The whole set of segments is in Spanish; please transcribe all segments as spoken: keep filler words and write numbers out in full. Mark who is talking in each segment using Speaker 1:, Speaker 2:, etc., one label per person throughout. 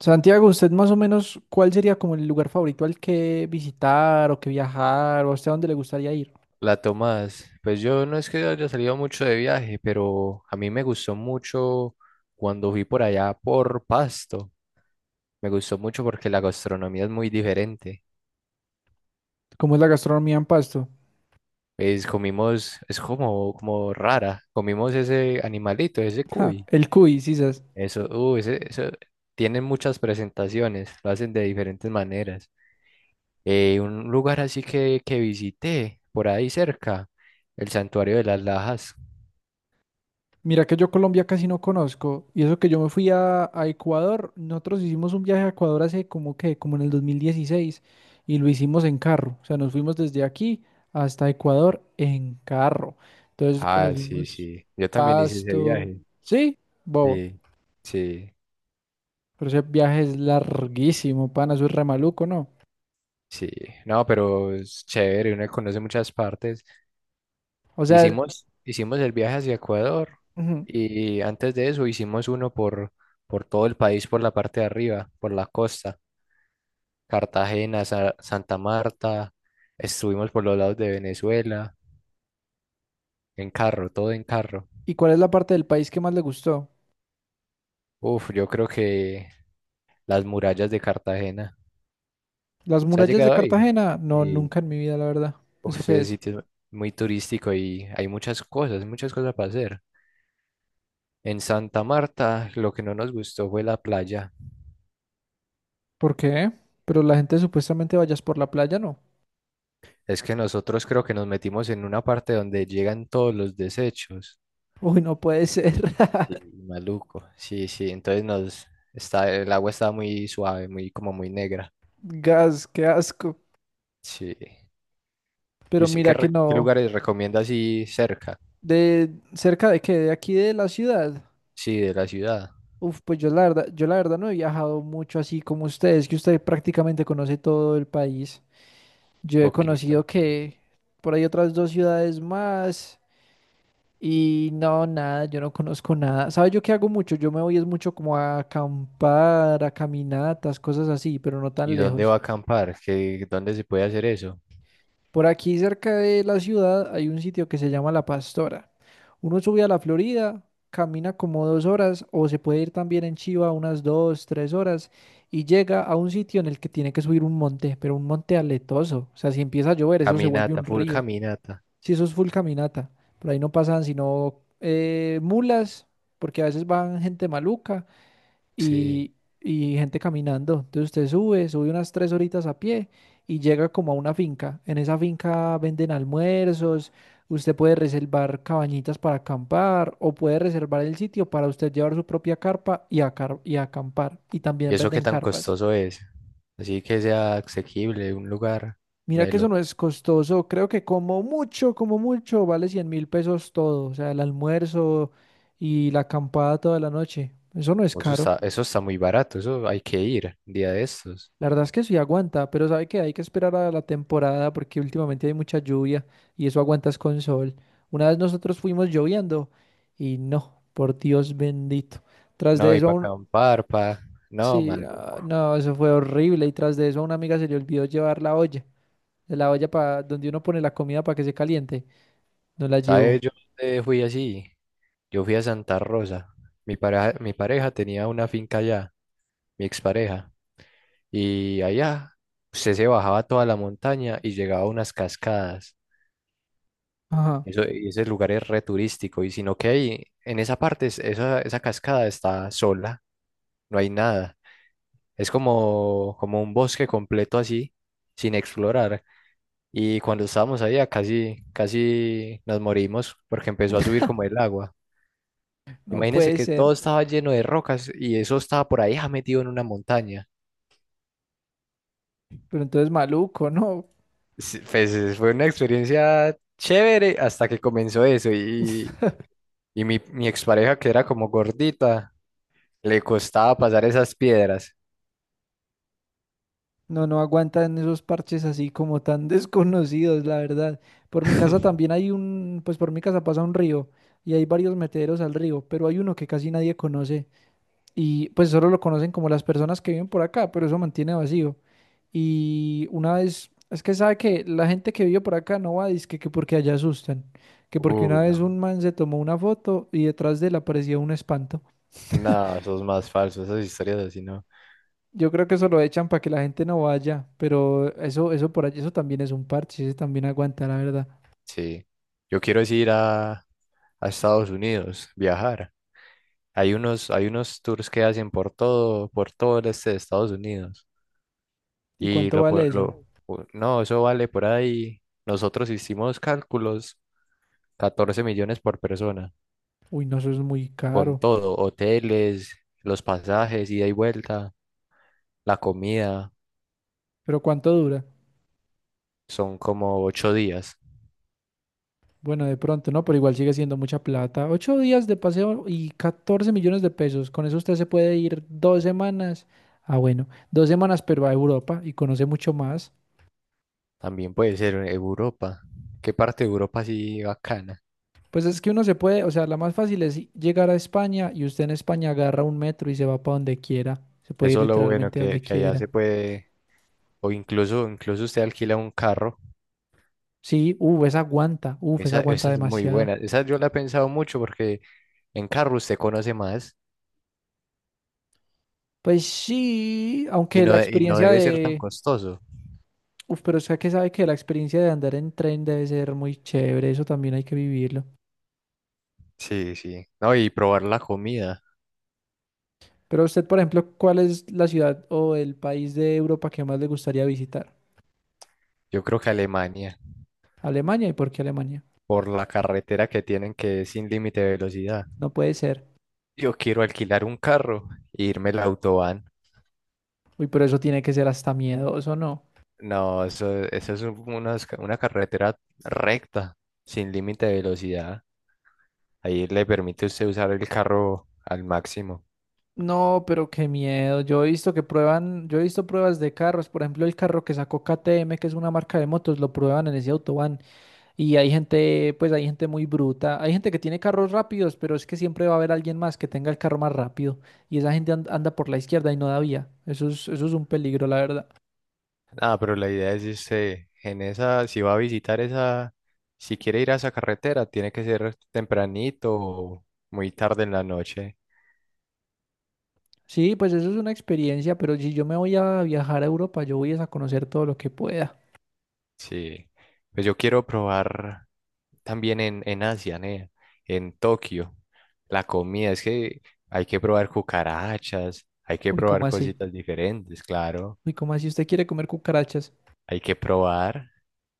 Speaker 1: Santiago, ¿usted más o menos cuál sería como el lugar favorito al que visitar o que viajar o hasta dónde le gustaría ir?
Speaker 2: La Tomás, pues yo no es que haya salido mucho de viaje, pero a mí me gustó mucho cuando fui por allá por Pasto. Me gustó mucho porque la gastronomía es muy diferente.
Speaker 1: ¿Cómo es la gastronomía en Pasto?
Speaker 2: Pues comimos, es como, como rara. Comimos ese animalito, ese
Speaker 1: Ja,
Speaker 2: cuy.
Speaker 1: el cuy, sisas.
Speaker 2: Eso, uh, ese, eso, tienen muchas presentaciones, lo hacen de diferentes maneras. Eh, un lugar así que, que visité por ahí cerca, el Santuario de las Lajas.
Speaker 1: Mira que yo Colombia casi no conozco y eso que yo me fui a, a Ecuador, nosotros hicimos un viaje a Ecuador hace como que, como en el dos mil dieciséis y lo hicimos en carro, o sea, nos fuimos desde aquí hasta Ecuador en carro. Entonces
Speaker 2: Ah, sí,
Speaker 1: conocimos
Speaker 2: sí, yo también hice ese
Speaker 1: Pasto,
Speaker 2: viaje.
Speaker 1: sí, bobo.
Speaker 2: Sí, sí,
Speaker 1: Pero ese viaje es larguísimo, pana, eso es re maluco, ¿no?
Speaker 2: sí. No, pero es chévere, uno conoce muchas partes.
Speaker 1: O sea, el-
Speaker 2: Hicimos, hicimos el viaje hacia Ecuador
Speaker 1: ujú.
Speaker 2: y antes de eso hicimos uno por, por todo el país, por la parte de arriba, por la costa. Cartagena, Sa- Santa Marta, estuvimos por los lados de Venezuela, en carro, todo en carro.
Speaker 1: ¿Y cuál es la parte del país que más le gustó?
Speaker 2: Uf, yo creo que las murallas de Cartagena.
Speaker 1: ¿Las
Speaker 2: ¿Se ha
Speaker 1: murallas de
Speaker 2: llegado a ir?
Speaker 1: Cartagena? No,
Speaker 2: Sí.
Speaker 1: nunca en mi vida, la verdad.
Speaker 2: Uf,
Speaker 1: ¿Eso qué
Speaker 2: ese
Speaker 1: es?
Speaker 2: sitio es muy turístico y hay muchas cosas, muchas cosas para hacer. En Santa Marta, lo que no nos gustó fue la playa.
Speaker 1: ¿Por qué? Pero la gente supuestamente vayas por la playa, ¿no?
Speaker 2: Es que nosotros creo que nos metimos en una parte donde llegan todos los desechos.
Speaker 1: Uy, no puede ser.
Speaker 2: Sí, maluco. Sí, sí. Entonces nos está, el agua estaba muy suave, muy como muy negra.
Speaker 1: Gas, qué asco.
Speaker 2: Sí. ¿Y
Speaker 1: Pero
Speaker 2: usted qué,
Speaker 1: mira que
Speaker 2: re- qué
Speaker 1: no.
Speaker 2: lugares recomienda así cerca?
Speaker 1: ¿De cerca de qué? ¿De aquí de la ciudad?
Speaker 2: Sí, de la ciudad.
Speaker 1: Uf, pues yo la verdad, yo la verdad no he viajado mucho así como ustedes, que usted prácticamente conoce todo el país. Yo he
Speaker 2: Poquito.
Speaker 1: conocido que por ahí otras dos ciudades más y no, nada, yo no conozco nada. ¿Sabes yo qué hago mucho? Yo me voy es mucho como a acampar, a caminatas, cosas así, pero no tan
Speaker 2: ¿Y dónde va
Speaker 1: lejos.
Speaker 2: a acampar? ¿Qué, dónde se puede hacer eso?
Speaker 1: Por aquí cerca de la ciudad hay un sitio que se llama La Pastora. Uno sube a la Florida, camina como dos horas o se puede ir también en Chiva unas dos, tres horas y llega a un sitio en el que tiene que subir un monte, pero un monte aletoso. O sea, si empieza a llover, eso se vuelve
Speaker 2: Caminata,
Speaker 1: un
Speaker 2: full
Speaker 1: río.
Speaker 2: caminata.
Speaker 1: Sí, eso es full caminata. Por ahí no pasan sino eh, mulas, porque a veces van gente maluca
Speaker 2: Sí.
Speaker 1: y, y gente caminando. Entonces usted sube, sube unas tres horitas a pie y llega como a una finca. En esa finca venden almuerzos, usted puede reservar cabañitas para acampar o puede reservar el sitio para usted llevar su propia carpa y, acar- y acampar. Y
Speaker 2: ¿Y
Speaker 1: también
Speaker 2: eso qué
Speaker 1: venden
Speaker 2: tan
Speaker 1: carpas.
Speaker 2: costoso es? Así que sea asequible un lugar.
Speaker 1: Mira que eso
Speaker 2: Melo.
Speaker 1: no es costoso, creo que como mucho, como mucho, vale cien mil pesos todo, o sea, el almuerzo y la acampada toda la noche, eso no es
Speaker 2: Oh, eso
Speaker 1: caro,
Speaker 2: está, eso está muy barato, eso hay que ir un día de estos.
Speaker 1: la verdad es que sí aguanta, pero sabe que hay que esperar a la temporada porque últimamente hay mucha lluvia y eso aguantas con sol. Una vez nosotros fuimos lloviendo y no, por Dios bendito, tras de
Speaker 2: No, y
Speaker 1: eso
Speaker 2: para
Speaker 1: aún,
Speaker 2: acampar, pa... no,
Speaker 1: sí, ah,
Speaker 2: maluco.
Speaker 1: no, eso fue horrible y tras de eso a una amiga se le olvidó llevar la olla, la olla para donde uno pone la comida para que se caliente, no la
Speaker 2: ¿Sabes?
Speaker 1: llevó.
Speaker 2: Yo eh, fui así. Yo fui a Santa Rosa. Mi pareja, mi pareja tenía una finca allá, mi expareja. Y allá usted se bajaba toda la montaña y llegaba a unas cascadas.
Speaker 1: Ajá,
Speaker 2: Eso, y ese lugar es re turístico. Y sino que ahí, en esa parte, es- esa, esa cascada está sola, no hay nada. Es como, como un bosque completo así, sin explorar. Y cuando estábamos allá casi, casi nos morimos porque empezó a subir como el agua.
Speaker 1: no
Speaker 2: Imagínense
Speaker 1: puede
Speaker 2: que todo
Speaker 1: ser.
Speaker 2: estaba lleno de rocas y eso estaba por ahí ah, metido en una montaña.
Speaker 1: Pero entonces maluco, ¿no?
Speaker 2: Sí, pues eh, fue una experiencia chévere hasta que comenzó eso y, y mi, mi expareja que era como gordita, le costaba pasar esas piedras.
Speaker 1: No, no aguantan esos parches así como tan desconocidos, la verdad. Por mi casa también hay un, pues por mi casa pasa un río y hay varios meteros al río, pero hay uno que casi nadie conoce y pues solo lo conocen como las personas que viven por acá, pero eso mantiene vacío. Y una vez, es que sabe que la gente que vive por acá no va, dizque que porque allá asustan, que porque
Speaker 2: Uy,
Speaker 1: una vez
Speaker 2: no,
Speaker 1: un man se tomó una foto y detrás de él aparecía un espanto.
Speaker 2: no, eso es más falso, esas historias así no.
Speaker 1: Yo creo que eso lo echan para que la gente no vaya, pero eso, eso por allí, eso también es un parche, ese también aguanta, la verdad.
Speaker 2: Sí, yo quiero es ir a, a Estados Unidos, viajar. Hay unos, hay unos tours que hacen por todo, por todo el este de Estados Unidos.
Speaker 1: ¿Y
Speaker 2: Y
Speaker 1: cuánto
Speaker 2: lo, po-
Speaker 1: vale eso?
Speaker 2: lo, wow. U- no, eso vale por ahí. Nosotros hicimos cálculos, catorce millones por persona,
Speaker 1: Uy, no, eso es muy
Speaker 2: con
Speaker 1: caro.
Speaker 2: todo, hoteles, los pasajes, ida y vuelta, la comida,
Speaker 1: ¿Pero cuánto dura?
Speaker 2: son como ocho días.
Speaker 1: Bueno, de pronto, no, pero igual sigue siendo mucha plata. Ocho días de paseo y catorce millones de pesos. Con eso usted se puede ir dos semanas. Ah, bueno, dos semanas, pero a Europa y conoce mucho más.
Speaker 2: También puede ser en Europa. ¿Qué parte de Europa sí bacana?
Speaker 1: Pues es que uno se puede, o sea, la más fácil es llegar a España y usted en España agarra un metro y se va para donde quiera. Se puede ir
Speaker 2: Eso es lo bueno
Speaker 1: literalmente
Speaker 2: que,
Speaker 1: donde
Speaker 2: que allá
Speaker 1: quiera.
Speaker 2: se puede, o incluso, incluso usted alquila un carro.
Speaker 1: Sí, uff, esa aguanta, uff, esa
Speaker 2: Esa,
Speaker 1: aguanta
Speaker 2: esa es muy
Speaker 1: demasiado.
Speaker 2: buena. Esa yo la he pensado mucho porque en carro usted conoce más
Speaker 1: Pues sí,
Speaker 2: y
Speaker 1: aunque
Speaker 2: no,
Speaker 1: la
Speaker 2: de- y no
Speaker 1: experiencia
Speaker 2: debe ser tan
Speaker 1: de,
Speaker 2: costoso.
Speaker 1: uff, pero usted que sabe que la experiencia de andar en tren debe ser muy chévere, eso también hay que vivirlo.
Speaker 2: Sí, sí. No, y probar la comida.
Speaker 1: Pero usted, por ejemplo, ¿cuál es la ciudad o el país de Europa que más le gustaría visitar?
Speaker 2: Yo creo que Alemania,
Speaker 1: Alemania, ¿y por qué Alemania?
Speaker 2: por la carretera que tienen que es sin límite de velocidad.
Speaker 1: No puede ser.
Speaker 2: Yo quiero alquilar un carro e irme al autobahn.
Speaker 1: Uy, pero eso tiene que ser hasta miedoso, ¿no?
Speaker 2: No, eso, eso es un- una, esca- una carretera recta, sin límite de velocidad. Ahí le permite usted usar el carro al máximo.
Speaker 1: No, pero qué miedo. Yo he visto que prueban, yo he visto pruebas de carros, por ejemplo, el carro que sacó K T M, que es una marca de motos, lo prueban en ese autobahn. Y hay gente, pues hay gente muy bruta. Hay gente que tiene carros rápidos, pero es que siempre va a haber alguien más que tenga el carro más rápido. Y esa gente and- anda por la izquierda y no da vía. Eso es, eso es un peligro, la verdad.
Speaker 2: Ah, pero la idea es, este, en esa, si va a visitar esa, si quiere ir a esa carretera, tiene que ser tempranito o muy tarde en la noche.
Speaker 1: Sí, pues eso es una experiencia, pero si yo me voy a viajar a Europa, yo voy es a conocer todo lo que pueda.
Speaker 2: Sí, pues yo quiero probar también en, en Asia, ¿ne? En Tokio, la comida, es que hay que probar cucarachas, hay que
Speaker 1: Uy, ¿cómo
Speaker 2: probar
Speaker 1: así?
Speaker 2: cositas diferentes, claro,
Speaker 1: Uy, ¿cómo así? ¿Usted quiere comer cucarachas?
Speaker 2: hay que probar.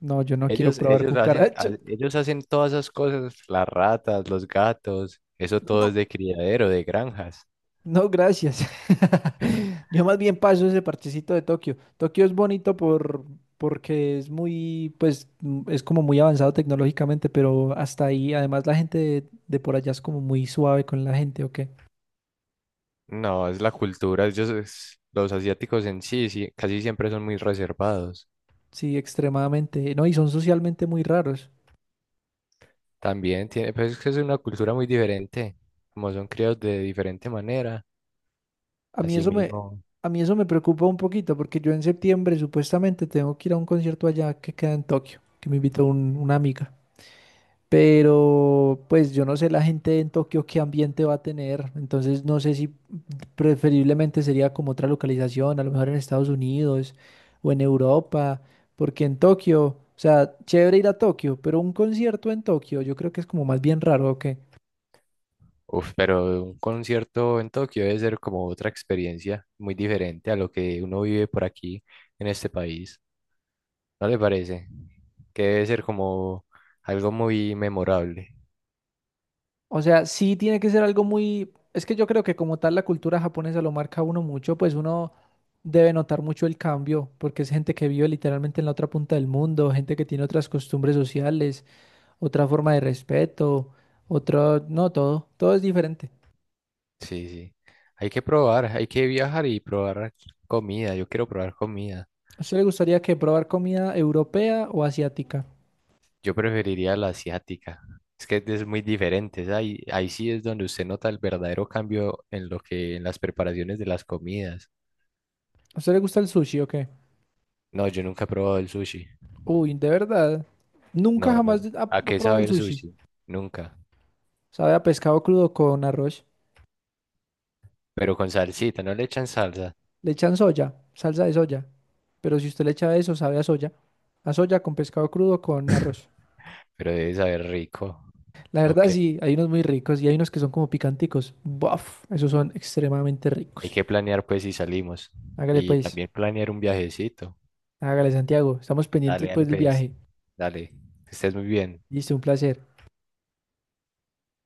Speaker 1: No, yo no quiero
Speaker 2: Ellos,
Speaker 1: probar
Speaker 2: ellos hacen, ha-
Speaker 1: cucarachas.
Speaker 2: ellos hacen todas esas cosas, las ratas, los gatos, eso todo es
Speaker 1: No.
Speaker 2: de criadero, de granjas.
Speaker 1: No, gracias. Yo más bien paso ese parchecito de Tokio. Tokio es bonito por, porque es muy, pues, mm, es como muy avanzado tecnológicamente, pero hasta ahí, además la gente de, de por allá es como muy suave con la gente, ¿o qué?
Speaker 2: No, es la cultura. Ellos, es- los asiáticos en sí, sí, casi siempre son muy reservados.
Speaker 1: Sí, extremadamente. No, y son socialmente muy raros.
Speaker 2: También tiene, pues es que es una cultura muy diferente. Como son criados de diferente manera,
Speaker 1: A mí
Speaker 2: así
Speaker 1: eso me,
Speaker 2: mismo.
Speaker 1: a mí eso me preocupa un poquito, porque yo en septiembre supuestamente tengo que ir a un concierto allá que queda en Tokio, que me invitó un- una amiga. Pero pues yo no sé la gente en Tokio qué ambiente va a tener, entonces no sé si preferiblemente sería como otra localización, a lo mejor en Estados Unidos o en Europa, porque en Tokio, o sea, chévere ir a Tokio, pero un concierto en Tokio yo creo que es como más bien raro, ¿o qué?
Speaker 2: Uf, pero un concierto en Tokio debe ser como otra experiencia muy diferente a lo que uno vive por aquí en este país. ¿No le parece? Que debe ser como algo muy memorable.
Speaker 1: O sea, sí tiene que ser algo muy, es que yo creo que como tal la cultura japonesa lo marca a uno mucho, pues uno debe notar mucho el cambio, porque es gente que vive literalmente en la otra punta del mundo, gente que tiene otras costumbres sociales. Otra forma de respeto, otro, no, todo, todo es diferente.
Speaker 2: Sí, sí. Hay que probar, hay que viajar y probar comida. Yo quiero probar comida.
Speaker 1: ¿A usted le gustaría que probar comida europea o asiática?
Speaker 2: Yo preferiría la asiática. Es que es muy diferente. Es Ahí, ahí sí es donde usted nota el verdadero cambio en lo que, en las preparaciones de las comidas.
Speaker 1: ¿A usted le gusta el sushi o qué?
Speaker 2: No, yo nunca he probado el sushi.
Speaker 1: Uy, de verdad, nunca
Speaker 2: No, no.
Speaker 1: jamás ha ha
Speaker 2: ¿A qué
Speaker 1: probado
Speaker 2: sabe
Speaker 1: el
Speaker 2: el
Speaker 1: sushi.
Speaker 2: sushi? Nunca.
Speaker 1: Sabe a pescado crudo con arroz.
Speaker 2: Pero con salsita, no le echan salsa,
Speaker 1: Le echan soya, salsa de soya, pero si usted le echa eso, sabe a soya. A soya con pescado crudo con arroz.
Speaker 2: pero debe saber rico.
Speaker 1: La verdad
Speaker 2: Ok.
Speaker 1: sí, hay unos muy ricos y hay unos que son como picanticos. Buf, esos son extremadamente
Speaker 2: Hay
Speaker 1: ricos.
Speaker 2: que planear pues si salimos.
Speaker 1: Hágale
Speaker 2: Y
Speaker 1: pues,
Speaker 2: también planear un viajecito.
Speaker 1: hágale Santiago, estamos
Speaker 2: Dale,
Speaker 1: pendientes pues
Speaker 2: dale
Speaker 1: del
Speaker 2: pues.
Speaker 1: viaje.
Speaker 2: Dale. Que estés muy bien.
Speaker 1: Listo, un placer.